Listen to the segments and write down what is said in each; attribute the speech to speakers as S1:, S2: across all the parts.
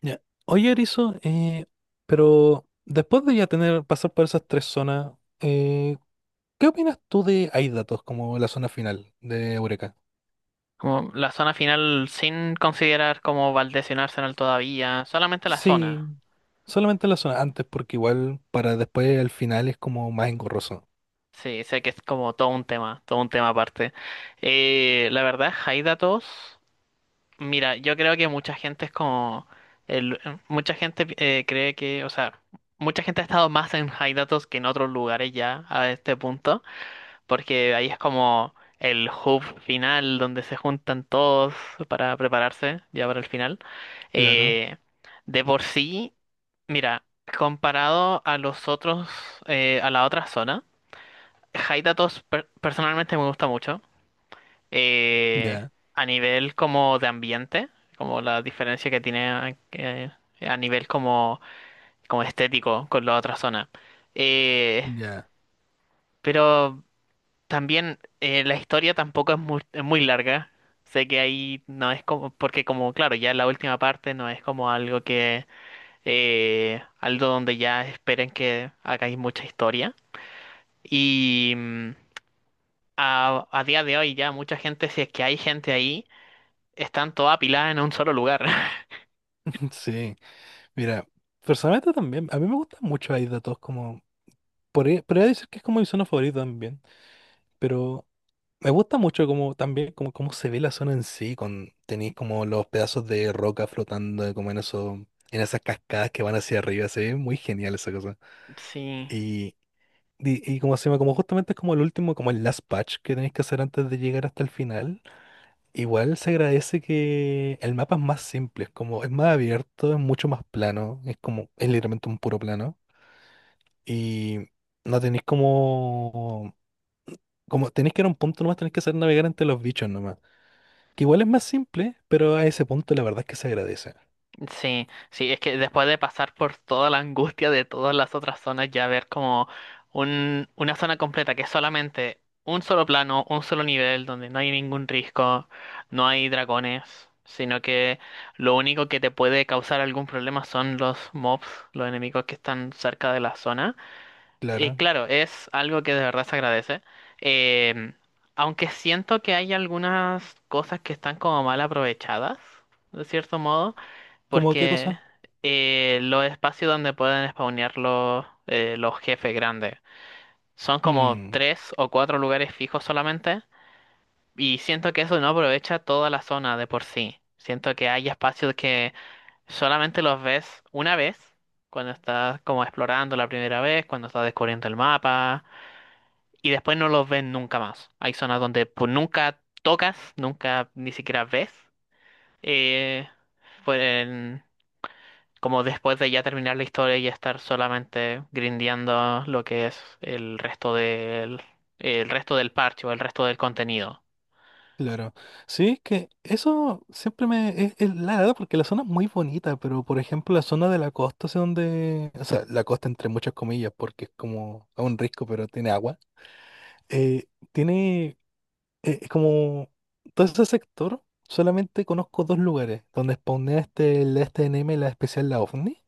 S1: Ya. Oye, Erizo, pero después de ya tener, pasar por esas tres zonas, eh, ¿qué opinas tú de Hay datos como la zona final de Eureka?
S2: Como la zona final sin considerar como Valdés y un Arsenal todavía, solamente la
S1: Sí,
S2: zona.
S1: solamente la zona antes, porque igual para después al final es como más engorroso.
S2: Sí, sé que es como todo un tema aparte. La verdad, Haidatos, mira, yo creo que mucha gente es como, el- mucha gente cree que, o sea, mucha gente ha estado más en Haidatos que en otros lugares ya a este punto, porque ahí es como el hub final donde se juntan todos para prepararse ya para el final.
S1: Claro.
S2: Eh, de por sí. Mira, comparado a los otros, a la otra zona, Haidatos personalmente me gusta mucho. Eh,
S1: Ya,
S2: a nivel como de ambiente, como la diferencia que tiene a nivel como, como estético con la otra zona. Eh,
S1: ya.
S2: pero también la historia tampoco es muy, es muy larga. Sé que ahí no es como, porque como, claro, ya la última parte no es como algo que algo donde ya esperen que hagáis mucha historia. Y a día de hoy ya mucha gente, si es que hay gente ahí, están todas apiladas en un solo lugar.
S1: Sí, mira, personalmente también, a mí me gusta mucho Hay datos como, podría decir que es como mi zona favorita también, pero me gusta mucho como también como cómo se ve la zona en sí, con tenéis como los pedazos de roca flotando como en eso, en esas cascadas que van hacia arriba, se ve muy genial esa cosa.
S2: Sí,
S1: Y, y como se llama, como justamente es como el último, como el last patch que tenéis que hacer antes de llegar hasta el final, igual se agradece que el mapa es más simple, es como, es más abierto, es mucho más plano, es como, es literalmente un puro plano. Y no tenéis como, como tenéis que ir a un punto nomás, tenéis que hacer navegar entre los bichos nomás. Que igual es más simple, pero a ese punto la verdad es que se agradece.
S2: sí, sí, es que después de pasar por toda la angustia de todas las otras zonas, ya ver como un, una zona completa que es solamente un solo plano, un solo nivel, donde no hay ningún risco, no hay dragones, sino que lo único que te puede causar algún problema son los mobs, los enemigos que están cerca de la zona. Y
S1: Claro.
S2: claro, es algo que de verdad se agradece. Em, Aunque siento que hay algunas cosas que están como mal aprovechadas, de cierto modo,
S1: ¿Cómo qué
S2: porque
S1: cosa?
S2: los espacios donde pueden spawnear los jefes grandes son como
S1: Mm,
S2: tres o cuatro lugares fijos solamente, y siento que eso no aprovecha toda la zona de por sí. Siento que hay espacios que solamente los ves una vez, cuando estás como explorando la primera vez, cuando estás descubriendo el mapa y después no los ven nunca más. Hay zonas donde pues nunca tocas, nunca ni siquiera ves. Eh, pues, como después de ya terminar la historia y estar solamente grindeando lo que es el resto del parche o el resto del contenido.
S1: claro. Sí, es que eso siempre me... es la verdad porque la zona es muy bonita, pero por ejemplo la zona de la costa, hacia donde... O sea, la costa entre muchas comillas, porque es como a un risco, pero tiene agua. eh, tiene... es como... Todo ese sector, solamente conozco dos lugares, donde spawnea este, la STNM, la especial, la OVNI.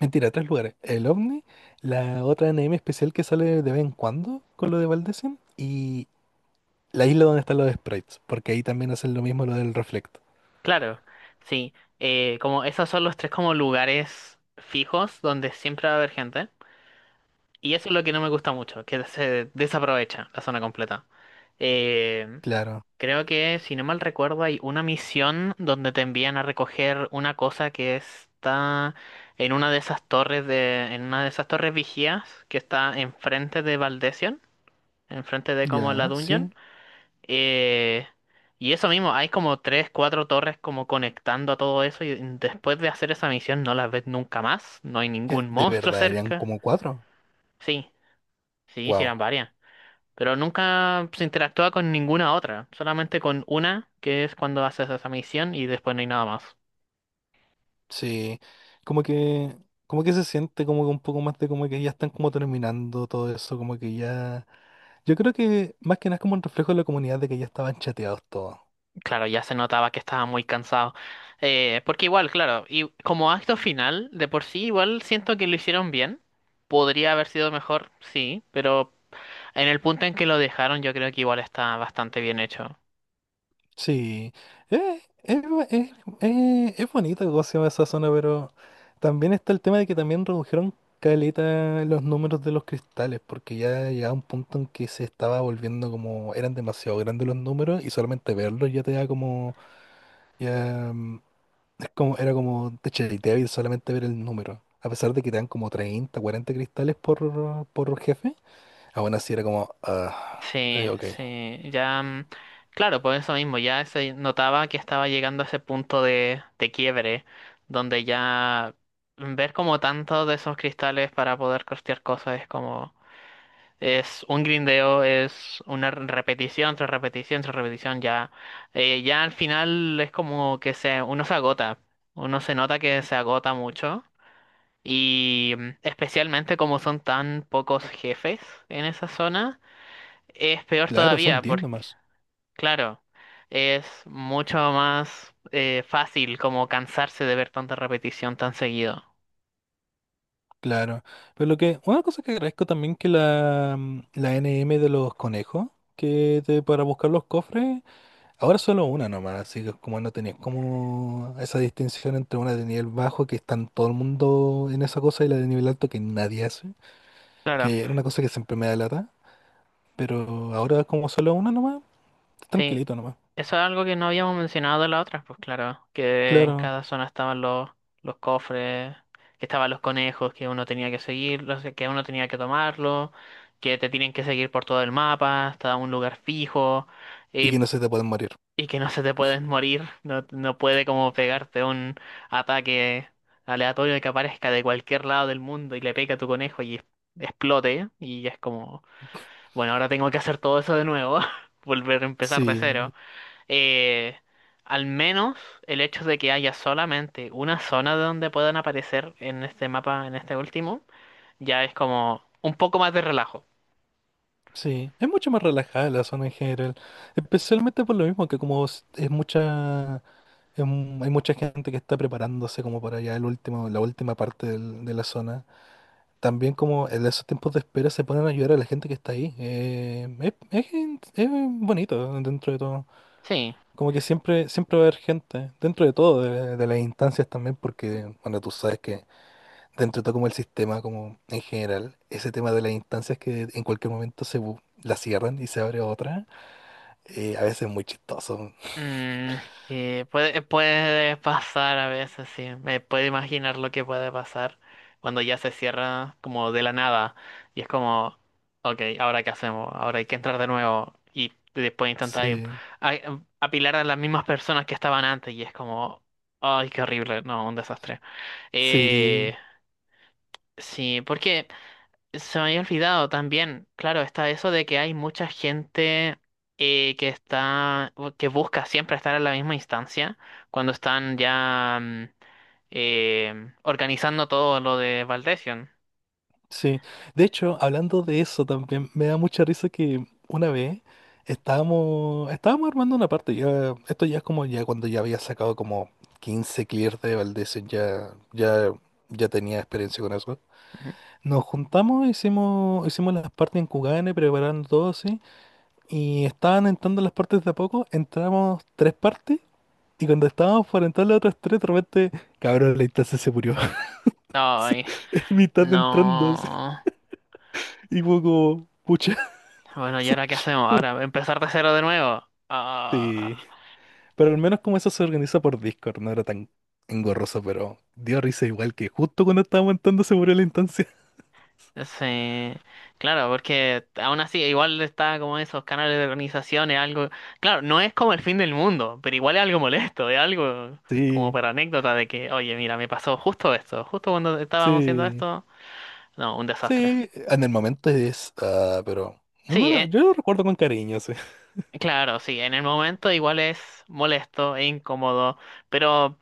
S1: Mentira, tres lugares. El OVNI, la otra anime especial que sale de vez en cuando con lo de Valdesim y la isla donde están los sprites, porque ahí también hacen lo mismo lo del reflecto.
S2: Claro, sí. Como esos son los tres como lugares fijos donde siempre va a haber gente. Y eso es lo que no me gusta mucho, que se desaprovecha la zona completa. Eh,
S1: Claro,
S2: Creo que, si no mal recuerdo, hay una misión donde te envían a recoger una cosa que está en una de esas torres vigías que está enfrente de Valdesion, enfrente de como la
S1: ya,
S2: dungeon.
S1: sí.
S2: Eh, y eso mismo, hay como tres, cuatro torres como conectando a todo eso y después de hacer esa misión no las ves nunca más, no hay
S1: Ya,
S2: ningún
S1: de
S2: monstruo
S1: verdad, eran
S2: cerca.
S1: como cuatro.
S2: Sí, sí, sí
S1: Wow.
S2: eran varias. Pero nunca se interactúa con ninguna otra, solamente con una, que es cuando haces esa misión y después no hay nada más.
S1: Sí, como que, como que se siente como que un poco más de como que ya están como terminando todo eso, como que ya... Yo creo que más que nada es como un reflejo de la comunidad de que ya estaban chateados todos.
S2: Claro, ya se notaba que estaba muy cansado. Porque igual, claro, y como acto final, de por sí igual siento que lo hicieron bien. Podría haber sido mejor, sí, pero en el punto en que lo dejaron yo creo que igual está bastante bien hecho.
S1: Sí, eh, es, bu- es- es bonita cómo se llama esa zona, pero también está el tema de que también redujeron caleta los números de los cristales, porque ya llegaba un punto en que se estaba volviendo como, eran demasiado grandes los números y solamente verlos ya te da como, ya, mm, es como, era como débil solamente ver el número. A pesar de que te dan como 30, 40 cristales por jefe, aún así era como,
S2: Sí,
S1: ok,
S2: sí, ya, claro, por eso mismo, ya se notaba que estaba llegando a ese punto de quiebre, donde ya ver como tantos de esos cristales para poder costear cosas es como, es un grindeo, es una repetición tras repetición tras repetición, ya, ya al final es como que se, uno se agota, uno se nota que se agota mucho, y especialmente como son tan pocos jefes en esa zona. Es peor
S1: claro, son
S2: todavía
S1: 10
S2: porque,
S1: nomás.
S2: claro, es mucho más fácil como cansarse de ver tanta repetición tan seguido.
S1: Claro, pero lo que, una cosa que agradezco también que la, la NM de los conejos, para buscar los cofres, ahora solo una nomás, así que como no tenías como esa distinción entre una de nivel bajo que están todo el mundo en esa cosa y la de nivel alto que nadie hace,
S2: Claro,
S1: que era una cosa que siempre me da lata, pero ahora como solo una nomás,
S2: sí,
S1: tranquilito nomás,
S2: eso es algo que no habíamos mencionado de la otra, pues claro, que en
S1: claro,
S2: cada zona estaban los cofres, que estaban los conejos que uno tenía que seguir, los que uno tenía que tomarlo, que te tienen que seguir por todo el mapa hasta un lugar fijo.
S1: y que
S2: Eh,
S1: no se te pueden morir.
S2: Y que no se te pueden morir, no, no puede como pegarte un ataque aleatorio que aparezca de cualquier lado del mundo y le pegue a tu conejo y explote. Y es como, bueno, ahora tengo que hacer todo eso de nuevo, volver a empezar de
S1: Sí,
S2: cero. Eh, Al menos el hecho de que haya solamente una zona de donde puedan aparecer en este mapa, en este último, ya es como un poco más de relajo.
S1: sí, es mucho más relajada la zona en general, especialmente por lo mismo que como es mucha... hay mucha gente que está preparándose como para allá el último, la última parte de la zona. También como en esos tiempos de espera se ponen a ayudar a la gente que está ahí. Es bonito dentro de todo.
S2: Sí.
S1: Como que siempre, siempre va a haber gente, dentro de todo, de las instancias también, porque, bueno, tú sabes que dentro de todo como el sistema, como en general, ese tema de las instancias que en cualquier momento la cierran y se abre otra, a veces es muy chistoso.
S2: Mm, sí, puede, puede pasar a veces, sí. Me puedo imaginar lo que puede pasar cuando ya se cierra como de la nada. Y es como, ok, ¿ahora qué hacemos? Ahora hay que entrar de nuevo. Y después intentar ir
S1: Sí,
S2: apilar a las mismas personas que estaban antes. Y es como, ay, qué horrible. No, un desastre. Eh,
S1: sí.
S2: sí, porque se me había olvidado también, claro, está eso de que hay mucha gente que está, o que busca siempre estar en la misma instancia cuando están ya organizando todo lo de Valdesion.
S1: Sí, de hecho, hablando de eso también, me da mucha risa que una vez estábamos armando una parte, ya, esto ya es como ya cuando ya había sacado como 15 clears de Valdez, ya tenía experiencia con eso.
S2: Ujú.
S1: Nos juntamos, hicimos las partes en Kugane, preparando todo así, y estaban entrando las partes de a poco, entramos tres partes, y cuando estábamos por entrar las otras tres, de repente, cabrón, la instancia se murió,
S2: Ay,
S1: en mitad de
S2: no.
S1: entrando así, y fue como, pucha.
S2: Bueno, ¿y ahora qué hacemos? Ahora empezar de cero de nuevo. Ah.
S1: Sí, pero al menos como eso se organiza por Discord, no era tan engorroso, pero dio risa igual que justo cuando estábamos entrando se murió la instancia.
S2: Sí, claro, porque aún así, igual está como esos canales de organización, es algo, claro, no es como el fin del mundo, pero igual es algo molesto, es algo como
S1: Sí,
S2: para anécdota de que, oye, mira, me pasó justo esto, justo cuando estábamos haciendo
S1: sí,
S2: esto, no, un desastre.
S1: sí, en el momento es, ah, pero
S2: Sí,
S1: yo lo recuerdo con cariño, sí.
S2: claro, sí, en el momento igual es molesto e incómodo, pero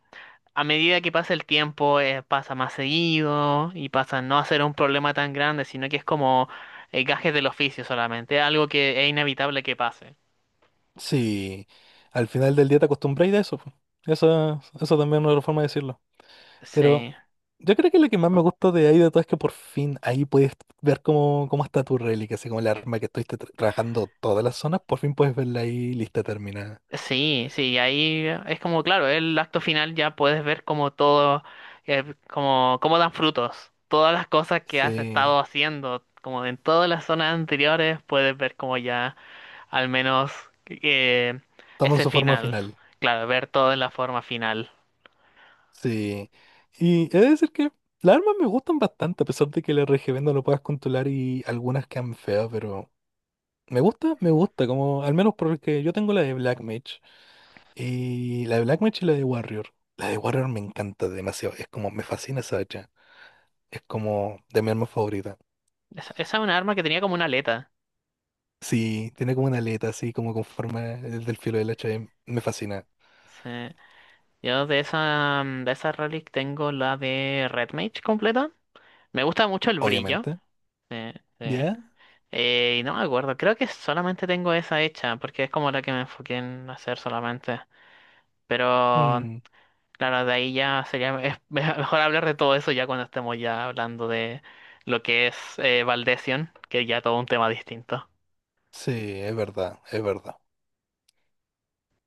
S2: a medida que pasa el tiempo, pasa más seguido y pasa a no a ser un problema tan grande, sino que es como gajes del oficio solamente, algo que es inevitable que pase.
S1: Sí, al final del día te acostumbras a eso, po. Esa también es una forma de decirlo. Pero
S2: Sí,
S1: yo creo que lo que más me gustó de ahí de todo es que por fin ahí puedes ver cómo, cómo está tu reliquia, así como el arma que estuviste trabajando todas las zonas, por fin puedes verla ahí lista, terminada.
S2: sí, sí, ahí es como, claro, el acto final ya puedes ver como todo, como, cómo dan frutos, todas las cosas que has
S1: Sí,
S2: estado haciendo, como en todas las zonas anteriores, puedes ver como ya al menos eh,
S1: toman
S2: ese
S1: su forma
S2: final,
S1: final.
S2: claro, ver todo en la forma final.
S1: Sí. Y he de decir que las armas me gustan bastante, a pesar de que el RGB no lo puedas controlar y algunas quedan feas, pero me gusta, como al menos porque yo tengo la de Black Mage y la de Black Mage y la de Warrior. La de Warrior me encanta demasiado, es como me fascina esa hacha. Es como de mi arma favorita.
S2: Esa es una arma que tenía como una aleta.
S1: Sí, tiene como una aleta así como con forma del filo del hacha. Y me fascina,
S2: Sí. Yo de esa, de esa relic tengo la de Red Mage completa. Me gusta mucho el brillo.
S1: obviamente.
S2: Sí, sí.
S1: ¿Ya?
S2: Y no me acuerdo, creo que solamente tengo esa hecha, porque es como la que me enfoqué en hacer solamente. Pero
S1: Mm,
S2: claro, de ahí ya sería es mejor hablar de todo eso ya cuando estemos ya hablando de lo que es Valdesion, que ya todo un tema distinto.
S1: sí, es verdad, es verdad.